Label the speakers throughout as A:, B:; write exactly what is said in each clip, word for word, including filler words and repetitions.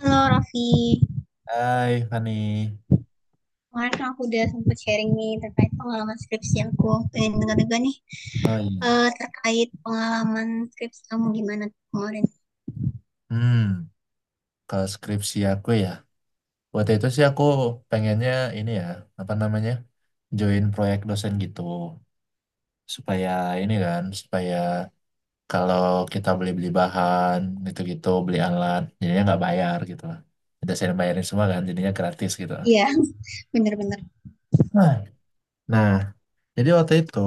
A: Halo Raffi,
B: Hai Fani,
A: kemarin kan aku udah sempat sharing nih terkait pengalaman skripsi aku. Pengen dengar juga nih
B: oh iya,
A: eh, terkait pengalaman skripsi kamu gimana tuh kemarin?
B: hmm, kalau skripsi aku ya, waktu itu sih aku pengennya ini ya, apa namanya, join proyek dosen gitu, supaya ini kan, supaya kalau kita beli-beli bahan, gitu-gitu, beli alat, jadinya nggak bayar gitu lah. Dosen yang bayarin semua kan, jadinya gratis gitu.
A: Iya, bener-bener.
B: Nah, nah jadi waktu itu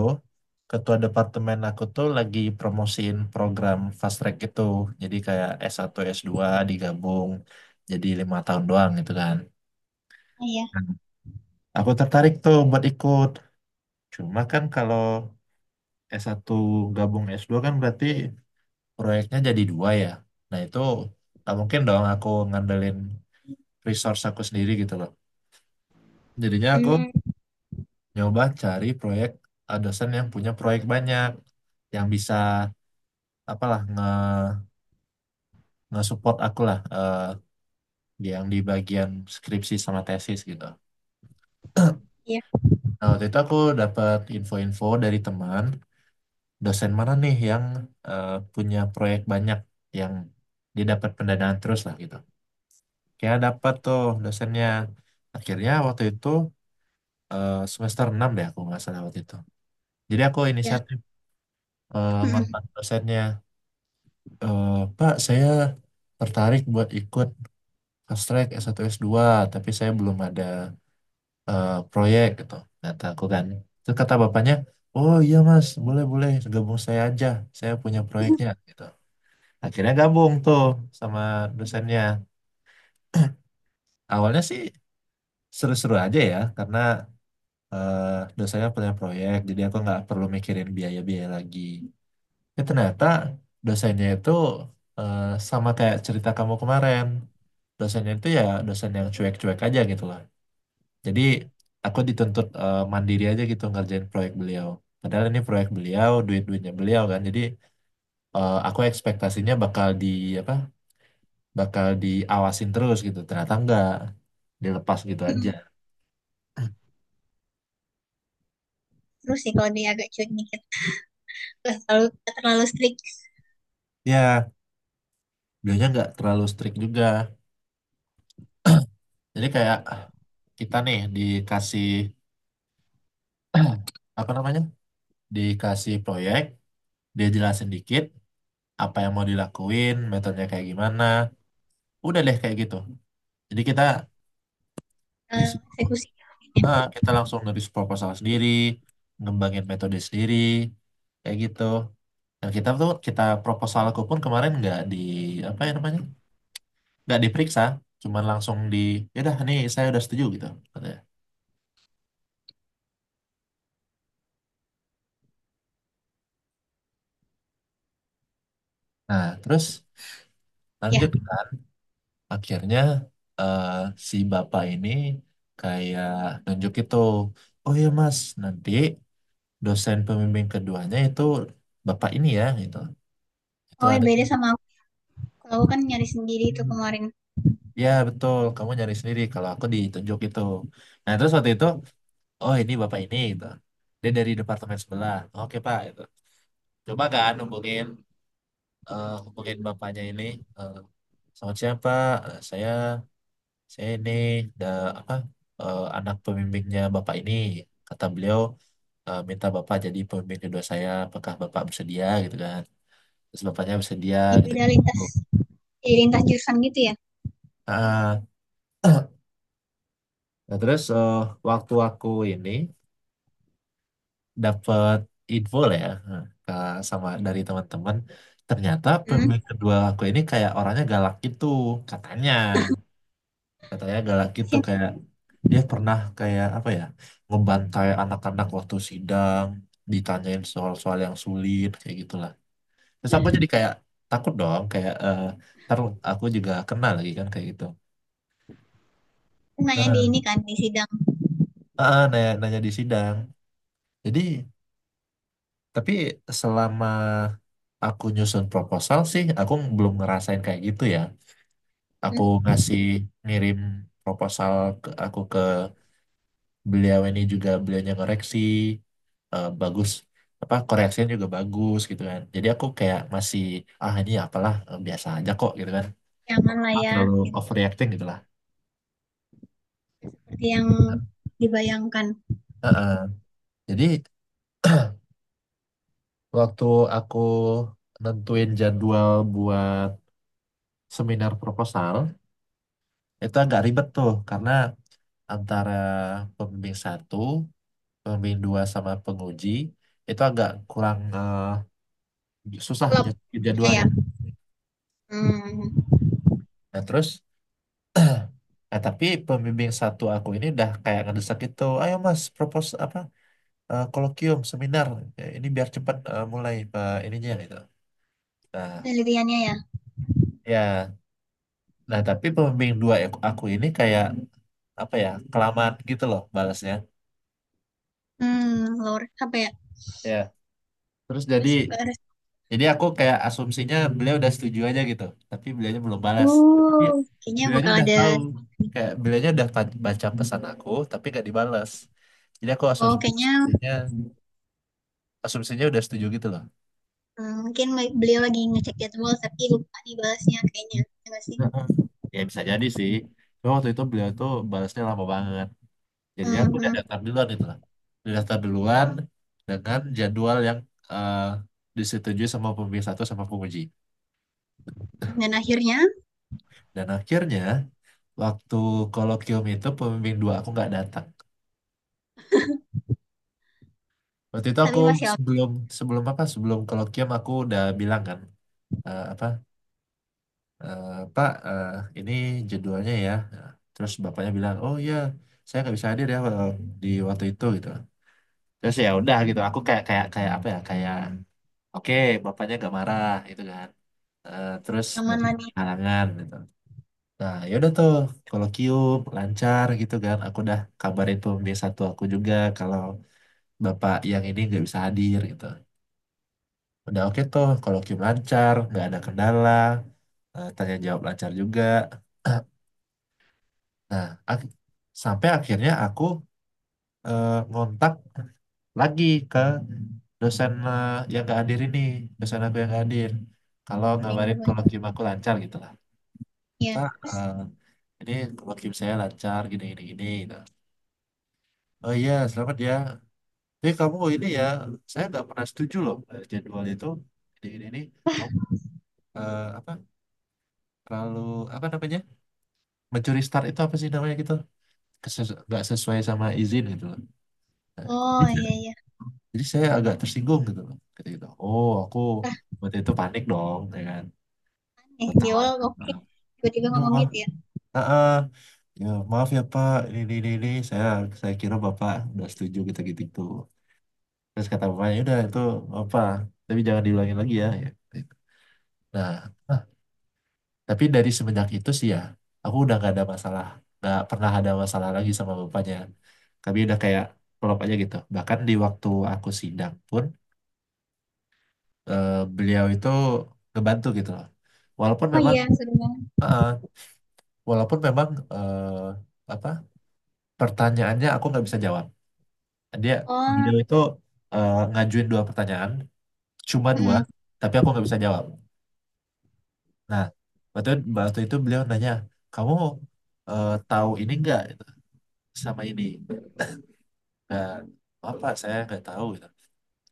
B: ketua departemen aku tuh lagi promosiin program fast track gitu. Jadi kayak s satu s dua digabung jadi lima tahun doang gitu kan.
A: Iya,
B: Hmm. Aku tertarik tuh buat ikut. Cuma kan kalau s satu gabung s dua kan berarti proyeknya jadi dua ya. Nah itu nggak mungkin dong aku ngandelin resource aku sendiri gitu loh. Jadinya aku
A: hmm,
B: nyoba cari proyek, eh, dosen yang punya proyek banyak yang bisa apalah nge nge-support aku lah, eh, di- yang di bagian skripsi sama tesis gitu.
A: iya,
B: Nah, waktu itu aku dapat info-info dari teman, dosen mana nih yang eh, punya proyek banyak, yang dia dapat pendanaan terus lah gitu. Kayak dapat tuh dosennya. Akhirnya waktu itu, eh, semester enam deh aku nggak salah waktu itu. Jadi aku
A: iya.
B: inisiatif eh,
A: Mm-mm.
B: ngontak dosennya, "Eh, Pak, saya tertarik buat ikut fast track es satu s dua, tapi saya belum ada, eh, proyek," gitu, kata aku kan. Terus kata bapaknya, "Oh iya mas, boleh boleh, gabung saya aja, saya punya proyeknya," gitu. Akhirnya gabung tuh sama dosennya. Awalnya sih seru-seru aja ya karena eh, dosennya punya proyek, jadi aku nggak perlu mikirin biaya-biaya lagi. Ya ternyata dosennya itu, eh, sama kayak cerita kamu kemarin, dosennya itu ya dosen yang cuek-cuek aja gitu lah. Jadi aku dituntut eh, mandiri aja gitu ngerjain proyek beliau. Padahal ini proyek beliau, duit-duitnya beliau kan. Jadi eh, aku ekspektasinya bakal di apa? Bakal diawasin terus gitu. Ternyata enggak, dilepas gitu aja.
A: Mm. Terus sih kalau dia agak cuek dikit, nggak terlalu nggak terlalu strict.
B: Ya, beliaunya enggak terlalu strict juga. Jadi kayak kita nih dikasih apa namanya? Dikasih proyek, dia jelasin dikit apa yang mau dilakuin, metodenya kayak gimana. Udah deh kayak gitu. Jadi kita
A: eh,
B: disuruh,
A: Eksekusi.
B: ah kita langsung nulis proposal sendiri, ngembangin metode sendiri, kayak gitu. Dan kita tuh kita proposalku pun kemarin nggak di apa ya namanya, nggak diperiksa, cuman langsung di, ya yaudah nih saya udah setuju gitu katanya. Nah, terus
A: Ya,
B: lanjut kan, akhirnya eh, si bapak ini kayak nunjuk itu, oh iya mas, nanti dosen pembimbing keduanya itu bapak ini ya gitu. Itu
A: oh ya
B: ada
A: beda
B: tuh.
A: sama aku. Kalau aku kan nyari sendiri tuh kemarin
B: Ya betul, kamu nyari sendiri, kalau aku ditunjuk itu. Nah terus waktu itu, oh ini bapak ini gitu. Dia dari departemen sebelah. Oke pak, gitu. Coba kan hubungin, eh, hubungin bapaknya ini. eh, Selamat siang pak, eh, saya saya ini da, apa eh, anak pembimbingnya bapak ini. Kata beliau eh, minta bapak jadi pembimbing kedua saya. Apakah bapak bersedia gitu kan? Terus bapaknya bersedia
A: di
B: gitu.
A: beda lintas,
B: Bu.
A: di lintas jurusan gitu ya.
B: Ah, Nah, terus eh, waktu aku ini dapat info lah ya, eh, ke sama dari teman-teman, ternyata
A: Hmm.
B: pemilik kedua aku ini kayak orangnya galak gitu katanya katanya galak gitu,
A: Pasti
B: kayak dia pernah kayak apa ya, ngebantai anak-anak waktu sidang, ditanyain soal-soal yang sulit kayak gitulah. Terus aku jadi kayak takut dong, kayak eh ntar aku juga kena lagi kan kayak gitu.
A: nanya di ini
B: Nah,
A: kan di sidang.
B: eh, eh, nanya, nanya di sidang. Jadi tapi selama aku nyusun proposal sih, aku belum ngerasain kayak gitu ya. Aku
A: Hmm,
B: ngasih ngirim proposal ke aku ke beliau ini juga, beliaunya ngoreksi, eh, bagus, apa koreksinya juga bagus gitu kan. Jadi aku kayak masih, ah ini apalah, eh, biasa aja kok gitu kan.
A: jangan lah
B: Nggak
A: ya.
B: terlalu
A: Gitu.
B: overreacting gitu lah.
A: Seperti yang dibayangkan.
B: Eh, eh. Jadi waktu aku nentuin jadwal buat seminar proposal itu agak ribet tuh, karena antara pembimbing satu, pembimbing dua sama penguji itu agak kurang, eh, susah
A: Kalau
B: nyetir
A: ya,
B: jadwalnya.
A: hmm,
B: Nah terus, nah tapi pembimbing satu aku ini udah kayak ngedesak gitu, ayo mas propose apa, eh, kolokium seminar. Ya, ini biar cepat eh, mulai eh, ininya gitu. Nah
A: penelitiannya ya,
B: ya, nah tapi pembimbing dua aku aku ini kayak apa ya, kelamaan gitu loh balasnya.
A: hmm, lower apa ya?
B: Ya, terus jadi
A: Res- res-
B: jadi aku kayak asumsinya beliau udah setuju aja gitu, tapi beliaunya belum balas. Tapi dia,
A: Uh, kayaknya
B: beliau
A: bakal
B: udah
A: ada.
B: tahu, kayak beliau udah pa- baca pesan aku tapi gak dibalas. Jadi aku
A: Oh,
B: asum-
A: kayaknya
B: asumsinya asumsinya udah setuju gitu loh.
A: hmm, mungkin beliau lagi ngecek jadwal tapi lupa dibalasnya kayaknya, ya nggak sih?
B: Heeh. Ya bisa jadi sih. Cuma waktu itu beliau tuh balasnya lama banget. Jadinya aku
A: Hmm,
B: udah
A: hmm,
B: daftar duluan itu lah. Udah daftar duluan dengan jadwal yang eh, disetujui sama pembimbing satu sama penguji.
A: hmm. Dan akhirnya,
B: Dan akhirnya waktu kolokium itu, pembimbing dua aku nggak datang. Waktu itu aku
A: tapi masih aw-
B: sebelum, sebelum apa sebelum kolokium aku udah bilang kan, eh, apa eh, Pak, eh, ini jadwalnya ya. Nah, terus bapaknya bilang, oh iya, saya nggak bisa hadir ya, eh, di waktu itu gitu. Terus ya udah gitu aku kayak, kayak kayak apa ya, kayak oke bapaknya nggak marah gitu kan. Eh, terus
A: aman lah
B: bapaknya
A: nih
B: halangan gitu. Nah ya udah tuh, kolokium lancar gitu kan, aku udah kabarin pembimbing satu aku juga kalau bapak yang ini nggak bisa hadir gitu. Udah oke tuh, kolokium lancar, nggak ada kendala. Eh, tanya jawab lancar juga. Nah, ak- sampai akhirnya aku eh, ngontak lagi ke dosen, eh, yang gak hadir ini, dosen aku yang gak hadir, kalau
A: minggu
B: ngabarin
A: kedua.
B: kolokium aku lancar gitu lah.
A: Iya.
B: Pak,
A: Terus,
B: eh, ini kolokium saya lancar, gini, gini, gini, gitu. Oh iya, selamat ya. Tapi kamu ini ya, saya nggak pernah setuju loh eh, jadwal itu. Ini, ini, ini. Kamu, eh, apa, terlalu, apa namanya, mencuri start itu apa sih namanya gitu? Keses- nggak sesuai sama izin gitu loh. Eh,
A: oh iya iya.
B: Jadi saya agak tersinggung gitu loh. Kayak gitu. Oh, aku
A: Nah,
B: waktu itu panik dong, ya kan.
A: eh, di
B: Ketawa.
A: awal
B: Nah,
A: oke, tiba-tiba
B: ya,
A: ngomong
B: Pak.
A: gitu ya.
B: Ah, ah. Ya, maaf ya Pak. Ini, ini, ini, ini. Saya, saya kira bapak udah setuju kita gitu gitu. Terus kata bapaknya udah itu apa. Tapi jangan diulangin lagi ya, ya gitu. Nah, ah, tapi dari semenjak itu sih ya, aku udah gak ada masalah. Gak pernah ada masalah lagi sama bapaknya. Kami udah kayak klop aja gitu. Bahkan di waktu aku sidang pun, eh, beliau itu ngebantu gitu loh. Walaupun
A: Oh
B: memang,
A: iya, seru banget.
B: eh, walaupun memang eh, apa, pertanyaannya aku nggak bisa jawab. Dia,
A: Oh,
B: beliau itu eh, ngajuin dua pertanyaan, cuma dua,
A: nggak mm,
B: tapi aku nggak bisa jawab. Nah, waktu waktu itu beliau nanya, kamu eh, tahu ini nggak gitu, sama ini? Nah, apa saya nggak tahu gitu.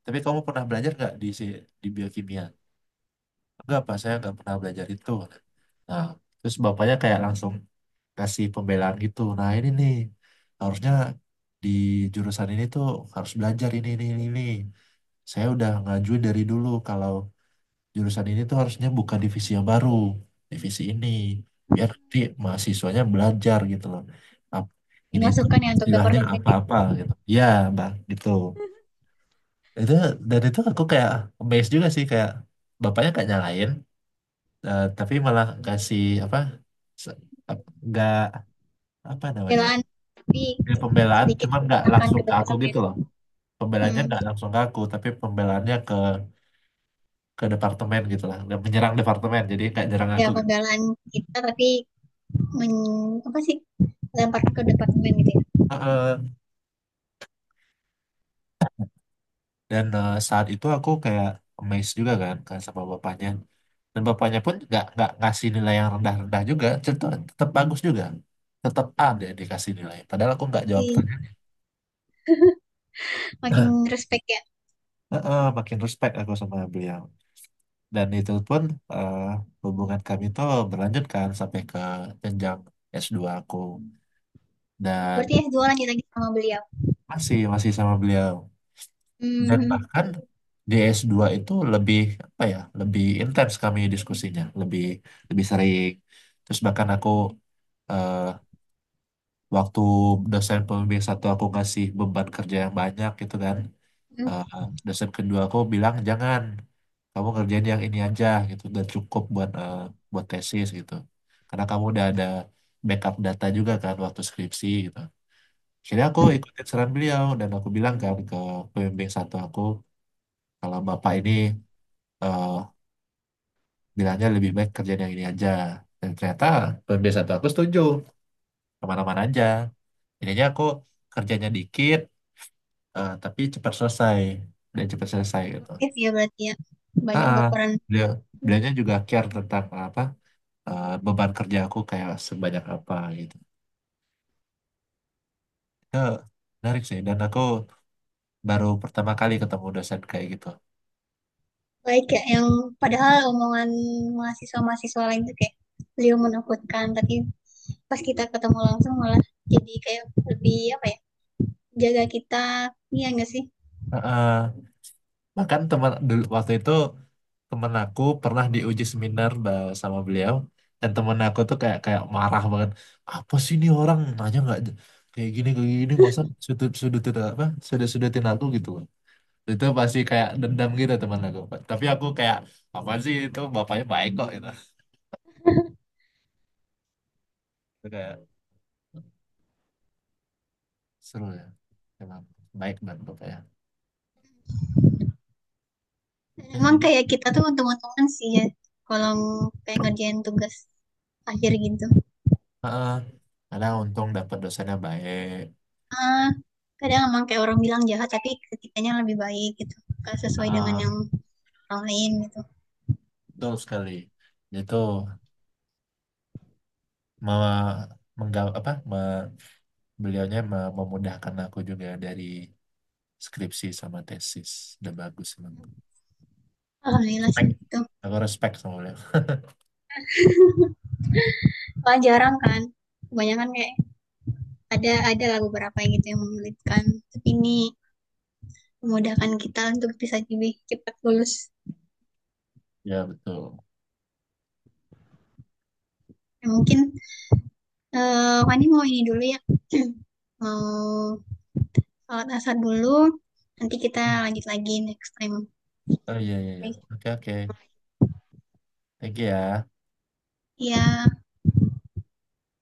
B: Tapi kamu pernah belajar nggak di si- di biokimia? Enggak, Pak, saya nggak pernah belajar itu. Nah, terus bapaknya kayak langsung kasih pembelaan gitu. Nah ini nih, harusnya di jurusan ini tuh harus belajar ini ini ini. Ini. Saya udah ngajuin dari dulu kalau jurusan ini tuh harusnya buka divisi yang baru, divisi ini biar nanti mahasiswanya belajar gitu loh. Ap- ini tuh
A: dimasukkan ya untuk
B: istilahnya
A: departemen
B: apa-apa gitu. Ya, Mbak, gitu. Itu dan itu aku kayak amazed juga sih, kayak bapaknya gak nyalain, eh, tapi malah kasih apa, se- ap- nggak apa namanya.
A: pembelaan tapi
B: Ini pembelaan
A: sedikit
B: cuman nggak
A: akan
B: langsung ke aku
A: kedekatan ya.
B: gitu loh. Pembelanya
A: Hmm,
B: nggak langsung ke aku, tapi pembelaannya ke ke departemen gitu lah. Dan menyerang departemen, jadi nggak nyerang
A: ya
B: aku gitu.
A: pembelaan kita tapi men, apa sih lempar ke departemen gitu ya.
B: Heeh. Dan eh, saat itu aku kayak amazed juga kan, kan, sama bapaknya. Dan bapaknya pun nggak nggak ngasih nilai yang rendah-rendah juga, tetap, tetap bagus juga. Tetap A dia dikasih nilai. Padahal aku nggak jawab pertanyaan.
A: Makin respect ya.
B: Heeh, makin respect aku sama beliau. Dan itu pun, eh, hubungan kami itu berlanjut kan sampai ke jenjang s dua aku. Dan
A: Berarti S dua lanjut lagi sama beliau.
B: masih masih sama beliau, dan
A: Hmm,
B: bahkan di s dua itu lebih, apa ya, lebih intens kami diskusinya, lebih lebih sering. Terus bahkan aku, eh, waktu dosen pembimbing satu aku ngasih beban kerja yang banyak gitu kan,
A: hmm,
B: eh, dosen kedua aku bilang jangan, kamu kerjain yang ini aja gitu dan cukup buat, eh, buat tesis gitu, karena kamu udah ada backup data juga kan waktu skripsi gitu. Jadi aku ikutin saran beliau dan aku bilang kan ke pembimbing satu aku kalau bapak ini eh, bilangnya lebih baik kerjaan yang ini aja. Dan ternyata pembimbing satu aku setuju kemana-mana aja. Jadinya aku kerjanya dikit, eh, tapi cepat selesai, dan cepat selesai gitu.
A: aktif ya berarti ya. Banyak
B: Nah,
A: berperan
B: beliau beliaunya juga care tentang apa, eh, beban kerja aku kayak sebanyak apa gitu. Eh, Menarik sih, dan aku baru pertama kali ketemu dosen kayak gitu.
A: baik ya yang padahal omongan mahasiswa-mahasiswa lain tuh kayak beliau menakutkan tapi pas kita ketemu langsung malah jadi kayak lebih apa ya jaga kita iya enggak sih.
B: Heeh. Bahkan teman dulu waktu itu, temen aku pernah diuji seminar ba- sama beliau, dan temen aku tuh kayak, kayak marah banget, apa sih ini orang nanya nggak j- kayak gini kayak gini, masa sudut sudutin apa sudut sudutin aku gitu. Itu pasti kayak dendam gitu temen aku. Tapi aku kayak apa sih, itu bapaknya baik kok gitu. Itu kayak seru ya, emang baik banget bapaknya.
A: Dan
B: Eh,
A: emang
B: jadi
A: kayak kita tuh untung-untungan sih ya kalau kayak ngerjain tugas akhir gitu.
B: heeh, karena untung dapat dosennya baik.
A: Ah, kadang emang kayak orang bilang jahat tapi ketikanya lebih baik gitu. Gak sesuai dengan
B: Heeh,
A: yang orang lain gitu.
B: betul sekali. Itu mau mengga apa, beliaunya me- memudahkan aku juga dari skripsi sama tesis. Udah bagus emang.
A: Alhamdulillah sih
B: Respect.
A: gitu.
B: Aku respect sama beliau.
A: Kalau jarang kan, kebanyakan kayak ada ada lah beberapa yang gitu yang menyulitkan. Tapi ini memudahkan kita untuk bisa lebih cepat lulus.
B: Ya, betul.
A: Ya, mungkin eh Fani mau ini dulu ya, mau sholat asar dulu. Nanti kita
B: Hmm.
A: lanjut lagi next time.
B: Oh iya, iya, iya.
A: Oke.
B: Oke, oke. Thank you ya.
A: Iya,